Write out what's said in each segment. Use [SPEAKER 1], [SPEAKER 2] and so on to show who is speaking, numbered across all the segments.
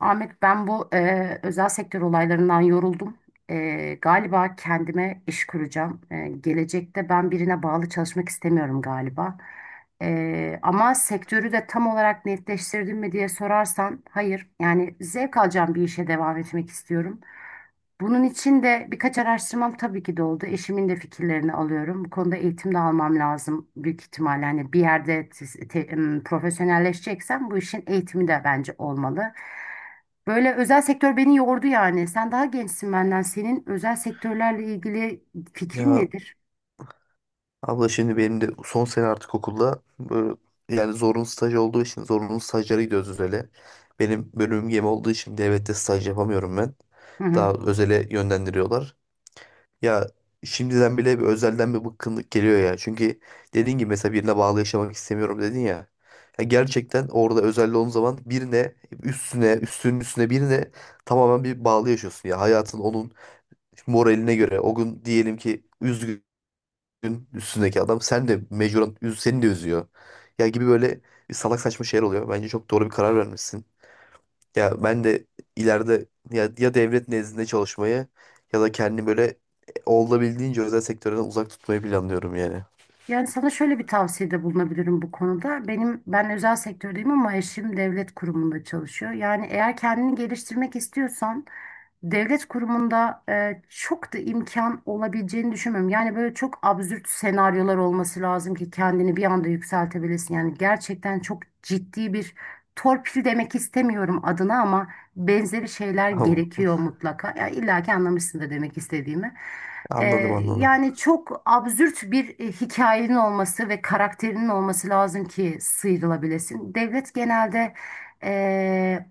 [SPEAKER 1] Ahmet, ben bu özel sektör olaylarından yoruldum. Galiba kendime iş kuracağım. Gelecekte ben birine bağlı çalışmak istemiyorum galiba. Ama sektörü de tam olarak netleştirdim mi diye sorarsan hayır. Yani zevk alacağım bir işe devam etmek istiyorum. Bunun için de birkaç araştırmam tabii ki de oldu. Eşimin de fikirlerini alıyorum. Bu konuda eğitim de almam lazım büyük ihtimalle. Hani bir yerde profesyonelleşeceksem bu işin eğitimi de bence olmalı. Böyle özel sektör beni yordu yani. Sen daha gençsin benden. Senin özel sektörlerle ilgili fikrin
[SPEAKER 2] Ya
[SPEAKER 1] nedir?
[SPEAKER 2] abla şimdi benim de son sene artık okulda böyle, yani zorunlu staj olduğu için zorunlu stajlara gidiyoruz özele. Benim bölümüm gemi olduğu için devlette staj yapamıyorum ben.
[SPEAKER 1] Hı hı.
[SPEAKER 2] Daha özele yönlendiriyorlar. Ya şimdiden bile bir özelden bir bıkkınlık geliyor ya. Çünkü dediğin gibi mesela birine bağlı yaşamak istemiyorum dedin ya. Ya gerçekten orada özelde olduğun zaman birine üstüne üstünün üstüne birine tamamen bir bağlı yaşıyorsun ya. Hayatın onun moraline göre o gün diyelim ki üzgün üstündeki adam sen de mecburen seni de üzüyor. Ya gibi böyle bir salak saçma şeyler oluyor. Bence çok doğru bir karar vermişsin. Ya ben de ileride ya, ya devlet nezdinde çalışmayı ya da kendini böyle olabildiğince özel sektörden uzak tutmayı planlıyorum yani.
[SPEAKER 1] Yani sana şöyle bir tavsiyede bulunabilirim bu konuda. Ben özel sektördeyim ama eşim devlet kurumunda çalışıyor. Yani eğer kendini geliştirmek istiyorsan devlet kurumunda çok da imkan olabileceğini düşünmüyorum. Yani böyle çok absürt senaryolar olması lazım ki kendini bir anda yükseltebilesin. Yani gerçekten çok ciddi bir torpil demek istemiyorum adına ama benzeri şeyler
[SPEAKER 2] Tamam.
[SPEAKER 1] gerekiyor mutlaka. Ya illa ki anlamışsındır demek istediğimi. E,
[SPEAKER 2] Anladım anladım.
[SPEAKER 1] Yani çok absürt bir hikayenin olması ve karakterinin olması lazım ki sıyrılabilesin. Devlet genelde e,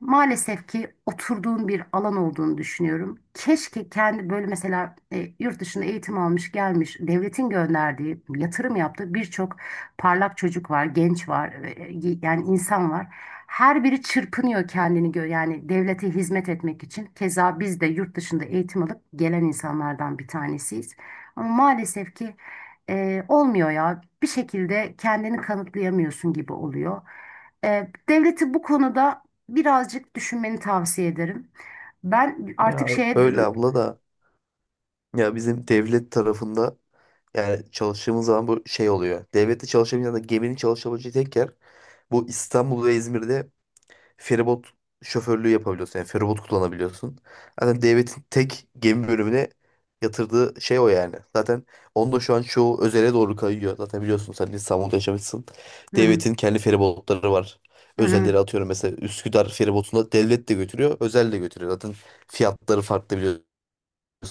[SPEAKER 1] maalesef ki oturduğun bir alan olduğunu düşünüyorum. Keşke kendi böyle mesela yurt dışında eğitim almış gelmiş devletin gönderdiği yatırım yaptığı birçok parlak çocuk var, genç var, yani insan var. Her biri çırpınıyor kendini yani devlete hizmet etmek için. Keza biz de yurt dışında eğitim alıp gelen insanlardan bir tanesiyiz. Ama maalesef ki olmuyor ya, bir şekilde kendini kanıtlayamıyorsun gibi oluyor. Devleti bu konuda birazcık düşünmeni tavsiye ederim. Ben artık
[SPEAKER 2] Ya
[SPEAKER 1] şeye
[SPEAKER 2] öyle
[SPEAKER 1] dön-.
[SPEAKER 2] abla da ya bizim devlet tarafında yani çalıştığımız zaman bu şey oluyor. Devlette çalışabilen ya da geminin çalışabileceği tek yer bu İstanbul ve İzmir'de feribot şoförlüğü yapabiliyorsun. Yani feribot kullanabiliyorsun. Zaten devletin tek gemi bölümüne yatırdığı şey o yani. Zaten onu da şu an çoğu özele doğru kayıyor. Zaten biliyorsun sen de İstanbul'da yaşamışsın.
[SPEAKER 1] Hı,
[SPEAKER 2] Devletin kendi feribotları var.
[SPEAKER 1] hı, hı.
[SPEAKER 2] Özelleri atıyorum mesela Üsküdar feribotunda devlet de götürüyor, özel de götürüyor. Zaten fiyatları farklı biliyorsun.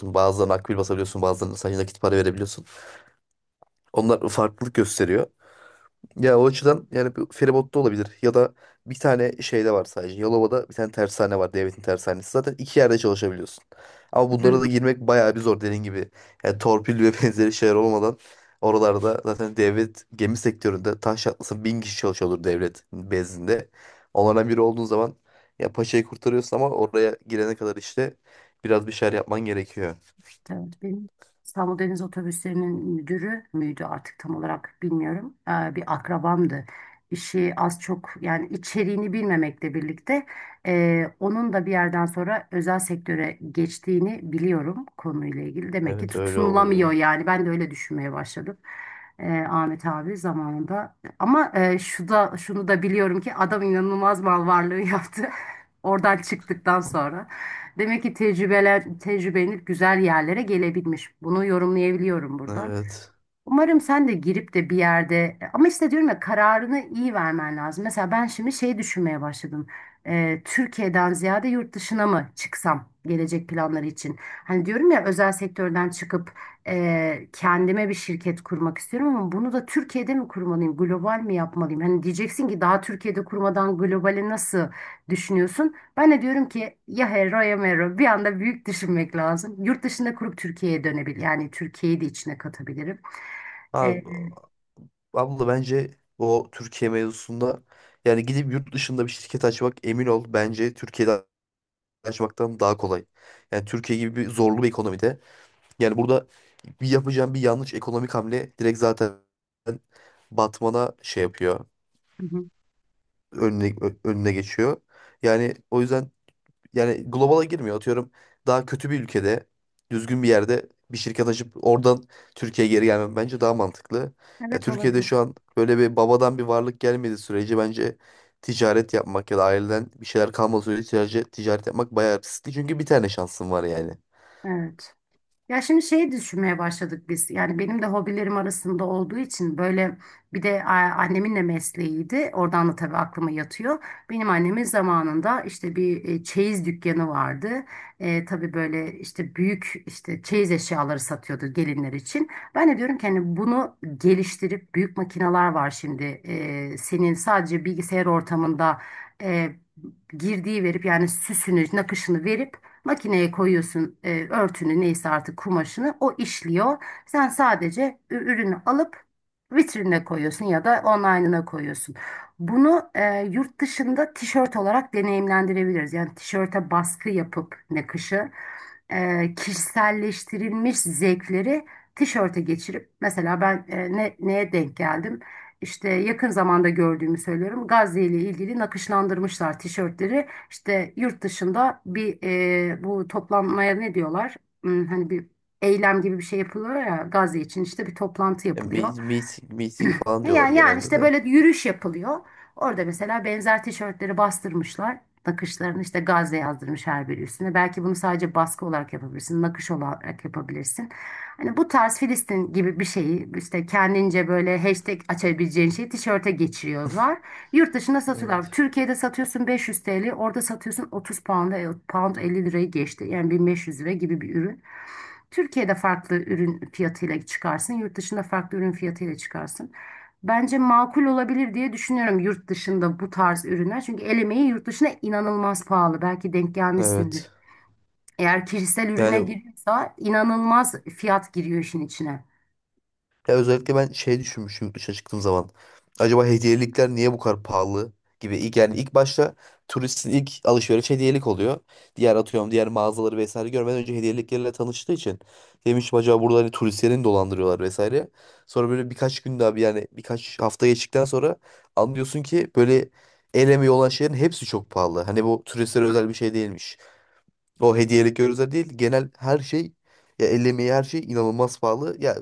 [SPEAKER 2] Bazılarına akbil basabiliyorsun, bazılarına sadece nakit para verebiliyorsun. Onlar farklılık gösteriyor. Ya o açıdan yani bir feribotta olabilir. Ya da bir tane şeyde var sadece. Yalova'da bir tane tersane var. Devletin tersanesi. Zaten iki yerde çalışabiliyorsun. Ama bunlara da girmek bayağı bir zor dediğin gibi. Yani torpil ve benzeri şeyler olmadan oralarda zaten devlet gemi sektöründe taş çatlasın 1.000 kişi çalışıyordur devlet bezdinde. Onlardan biri olduğun zaman ya paçayı kurtarıyorsun ama oraya girene kadar işte biraz bir şeyler yapman gerekiyor.
[SPEAKER 1] Evet, benim İstanbul Deniz Otobüsleri'nin müdürü müydü artık tam olarak bilmiyorum. Bir akrabamdı. İşi az çok, yani içeriğini bilmemekle birlikte, onun da bir yerden sonra özel sektöre geçtiğini biliyorum konuyla ilgili. Demek ki
[SPEAKER 2] Evet öyle
[SPEAKER 1] tutunulamıyor,
[SPEAKER 2] oluyor.
[SPEAKER 1] yani ben de öyle düşünmeye başladım. Ahmet abi zamanında, ama şu da, şunu da biliyorum ki, adam inanılmaz mal varlığı yaptı. Oradan çıktıktan sonra. Demek ki tecrübelenip güzel yerlere gelebilmiş. Bunu yorumlayabiliyorum buradan.
[SPEAKER 2] Evet.
[SPEAKER 1] Umarım sen de girip de bir yerde, ama işte diyorum ya, kararını iyi vermen lazım. Mesela ben şimdi şey düşünmeye başladım. Türkiye'den ziyade yurt dışına mı çıksam gelecek planları için? Hani diyorum ya, özel sektörden çıkıp kendime bir şirket kurmak istiyorum, ama bunu da Türkiye'de mi kurmalıyım, global mi yapmalıyım? Hani diyeceksin ki daha Türkiye'de kurmadan globali nasıl düşünüyorsun? Ben de diyorum ki, ya hero ya mero, bir anda büyük düşünmek lazım. Yurt dışında kurup Türkiye'ye dönebilir, yani Türkiye'yi de içine katabilirim. E,
[SPEAKER 2] Abi Abla bence o Türkiye mevzusunda yani gidip yurt dışında bir şirket açmak emin ol bence Türkiye'de açmaktan daha kolay. Yani Türkiye gibi bir zorlu bir ekonomide yani burada bir yapacağın bir yanlış ekonomik hamle direkt zaten batmana şey yapıyor.
[SPEAKER 1] hı hı.
[SPEAKER 2] Önüne geçiyor. Yani o yüzden yani globala girmiyor. Atıyorum daha kötü bir ülkede düzgün bir yerde bir şirket açıp oradan Türkiye'ye geri gelmem bence daha mantıklı. Ya
[SPEAKER 1] Evet,
[SPEAKER 2] Türkiye'de
[SPEAKER 1] olabilir.
[SPEAKER 2] şu an böyle bir babadan bir varlık gelmediği sürece bence ticaret yapmak ya da aileden bir şeyler kalmadığı sürece ticaret yapmak bayağı riskli. Çünkü bir tane şansın var yani.
[SPEAKER 1] Evet. Ya şimdi şeyi düşünmeye başladık biz. Yani benim de hobilerim arasında olduğu için böyle, bir de annemin de mesleğiydi. Oradan da tabii aklıma yatıyor. Benim annemin zamanında işte bir çeyiz dükkanı vardı. Tabii böyle işte büyük, işte çeyiz eşyaları satıyordu gelinler için. Ben de diyorum ki, hani bunu geliştirip büyük makineler var şimdi. Senin sadece bilgisayar ortamında e, girdiği verip, yani süsünü, nakışını verip makineye koyuyorsun, örtünü neyse artık, kumaşını o işliyor. Sen sadece ürünü alıp vitrinine koyuyorsun ya da online'ına koyuyorsun. Bunu yurt dışında tişört olarak deneyimlendirebiliriz. Yani tişörte baskı yapıp, nakışı kişiselleştirilmiş zevkleri tişörte geçirip, mesela ben neye denk geldim? İşte yakın zamanda gördüğümü söylüyorum. Gazze ile ilgili nakışlandırmışlar tişörtleri. İşte yurt dışında bir bu toplanmaya ne diyorlar? Hani bir eylem gibi bir şey yapılıyor ya, Gazze için işte bir toplantı
[SPEAKER 2] E,
[SPEAKER 1] yapılıyor.
[SPEAKER 2] meeting falan
[SPEAKER 1] E
[SPEAKER 2] diyorlar
[SPEAKER 1] Yani, yani
[SPEAKER 2] genelde
[SPEAKER 1] işte
[SPEAKER 2] de.
[SPEAKER 1] böyle yürüyüş yapılıyor. Orada mesela benzer tişörtleri bastırmışlar. Nakışlarını işte Gazze yazdırmış her biri üstüne. Belki bunu sadece baskı olarak yapabilirsin, nakış olarak yapabilirsin. Hani bu tarz Filistin gibi bir şeyi, işte kendince böyle hashtag açabileceğin şeyi tişörte geçiriyorlar. Yurt dışında satıyorlar.
[SPEAKER 2] Evet.
[SPEAKER 1] Türkiye'de satıyorsun 500 TL, orada satıyorsun 30 pound'a, pound 50 lirayı geçti. Yani 1500 lira gibi bir ürün. Türkiye'de farklı ürün fiyatıyla çıkarsın, yurt dışında farklı ürün fiyatıyla çıkarsın. Bence makul olabilir diye düşünüyorum yurt dışında bu tarz ürünler. Çünkü el emeği yurt dışında inanılmaz pahalı. Belki denk gelmişsindir.
[SPEAKER 2] Evet.
[SPEAKER 1] Eğer kişisel
[SPEAKER 2] Yani
[SPEAKER 1] ürüne giriyorsa inanılmaz fiyat giriyor işin içine.
[SPEAKER 2] ya özellikle ben şey düşünmüşüm yurt dışına çıktığım zaman. Acaba hediyelikler niye bu kadar pahalı gibi. İlk, yani ilk başta turistin ilk alışveriş hediyelik oluyor. Diğer atıyorum diğer mağazaları vesaire görmeden önce hediyeliklerle tanıştığı için. Demiştim acaba burada hani turistlerini mi dolandırıyorlar vesaire. Sonra böyle birkaç gün daha yani birkaç hafta geçtikten sonra anlıyorsun ki böyle el emeği olan şeylerin hepsi çok pahalı. Hani bu turistlere özel bir şey değilmiş. O hediyelik gözler değil. Genel her şey ya el emeği her şey inanılmaz pahalı. Ya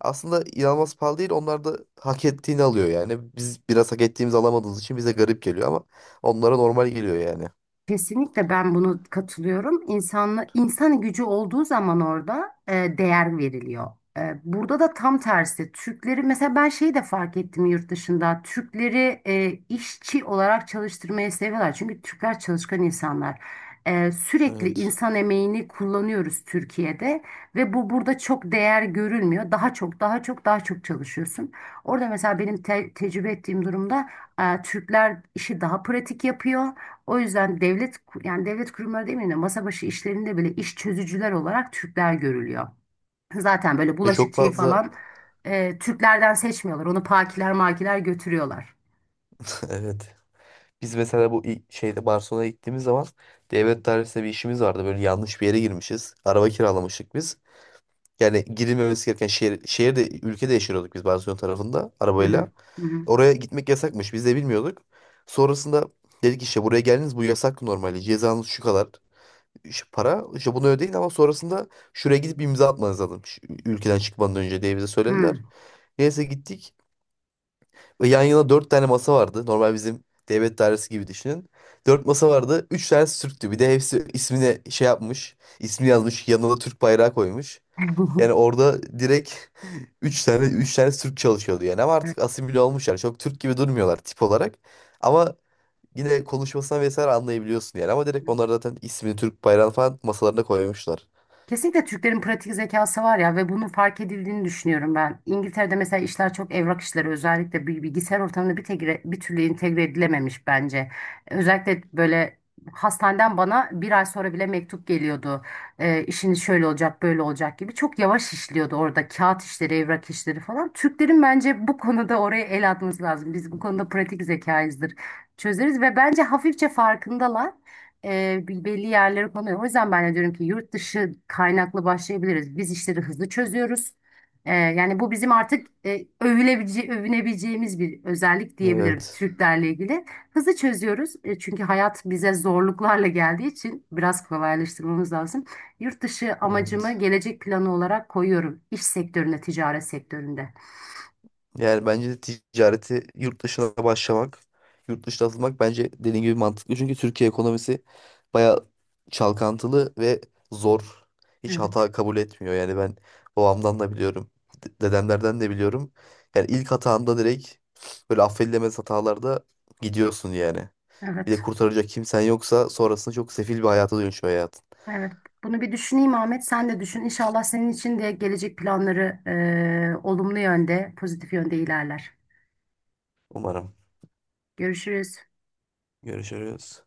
[SPEAKER 2] aslında inanılmaz pahalı değil. Onlar da hak ettiğini alıyor yani. Biz biraz hak ettiğimizi alamadığımız için bize garip geliyor ama onlara normal geliyor yani.
[SPEAKER 1] Kesinlikle ben bunu katılıyorum. İnsanla, insan gücü olduğu zaman orada değer veriliyor. Burada da tam tersi. Türkleri mesela, ben şeyi de fark ettim yurt dışında. Türkleri işçi olarak çalıştırmayı seviyorlar. Çünkü Türkler çalışkan insanlar. Sürekli
[SPEAKER 2] Evet.
[SPEAKER 1] insan emeğini kullanıyoruz Türkiye'de, ve bu burada çok değer görülmüyor. Daha çok, daha çok, daha çok çalışıyorsun. Orada mesela benim tecrübe ettiğim durumda Türkler işi daha pratik yapıyor. O yüzden devlet, yani devlet kurumları demeyeyim de, masa başı işlerinde bile iş çözücüler olarak Türkler görülüyor. Zaten böyle
[SPEAKER 2] Ve çok
[SPEAKER 1] bulaşıkçıyı
[SPEAKER 2] fazla
[SPEAKER 1] falan Türklerden seçmiyorlar. Onu pakiler makiler götürüyorlar.
[SPEAKER 2] evet. Biz mesela bu şeyde Barcelona'ya gittiğimiz zaman devlet dairesinde bir işimiz vardı. Böyle yanlış bir yere girmişiz. Araba kiralamıştık biz. Yani girilmemesi gereken şehirde, ülkede yaşıyorduk biz Barcelona tarafında
[SPEAKER 1] Hı hı.
[SPEAKER 2] arabayla.
[SPEAKER 1] Hı hı.
[SPEAKER 2] Oraya gitmek yasakmış. Biz de bilmiyorduk. Sonrasında dedik işte buraya geldiniz bu yasak normalde. Cezanız şu kadar şu para. İşte bunu ödeyin ama sonrasında şuraya gidip bir imza atmanız lazım. Şu ülkeden çıkmadan önce diye bize söylediler.
[SPEAKER 1] Hı.
[SPEAKER 2] Neyse gittik. Ve yan yana dört tane masa vardı. Normal bizim devlet dairesi gibi düşünün. Dört masa vardı. Üç tanesi Türktü. Bir de hepsi ismine şey yapmış. İsmi yazmış. Yanına da Türk bayrağı koymuş. Yani orada direkt üç tane Türk çalışıyordu yani ama
[SPEAKER 1] Evet.
[SPEAKER 2] artık asimile olmuşlar. Çok Türk gibi durmuyorlar tip olarak. Ama yine konuşmasına vesaire anlayabiliyorsun yani. Ama direkt onlar zaten ismini Türk bayrağını falan masalarına koymuşlar.
[SPEAKER 1] Kesinlikle Türklerin pratik zekası var ya, ve bunun fark edildiğini düşünüyorum ben. İngiltere'de mesela işler, çok evrak işleri özellikle, bilgisayar ortamında bir türlü entegre edilememiş bence. Özellikle böyle hastaneden bana bir ay sonra bile mektup geliyordu. İşiniz şöyle olacak, böyle olacak gibi, çok yavaş işliyordu orada kağıt işleri, evrak işleri falan. Türklerin bence bu konuda oraya el atması lazım. Biz bu konuda pratik zekayızdır, çözeriz, ve bence hafifçe farkındalar, belli yerlere konuyor. O yüzden ben de diyorum ki, yurt dışı kaynaklı başlayabiliriz. Biz işleri hızlı çözüyoruz. Yani bu bizim artık, övünebileceğimiz bir özellik diyebiliriz
[SPEAKER 2] Evet.
[SPEAKER 1] Türklerle ilgili. Hızlı çözüyoruz. Çünkü hayat bize zorluklarla geldiği için, biraz kolaylaştırmamız lazım. Yurt dışı amacımı
[SPEAKER 2] Evet.
[SPEAKER 1] gelecek planı olarak koyuyorum. İş sektöründe, ticaret sektöründe.
[SPEAKER 2] Yani bence de ticareti yurt dışına başlamak, yurt dışına atılmak bence dediğin gibi mantıklı. Çünkü Türkiye ekonomisi bayağı çalkantılı ve zor. Hiç
[SPEAKER 1] Evet,
[SPEAKER 2] hata kabul etmiyor. Yani ben babamdan da biliyorum, dedemlerden de biliyorum. Yani ilk hatanda direkt böyle affedilemez hatalarda gidiyorsun yani. Bir de
[SPEAKER 1] evet.
[SPEAKER 2] kurtaracak kimsen yoksa sonrasında çok sefil bir hayata dönüşüyor hayatın.
[SPEAKER 1] Evet, bunu bir düşüneyim Ahmet. Sen de düşün. İnşallah senin için de gelecek planları olumlu yönde, pozitif yönde ilerler.
[SPEAKER 2] Umarım.
[SPEAKER 1] Görüşürüz.
[SPEAKER 2] Görüşürüz.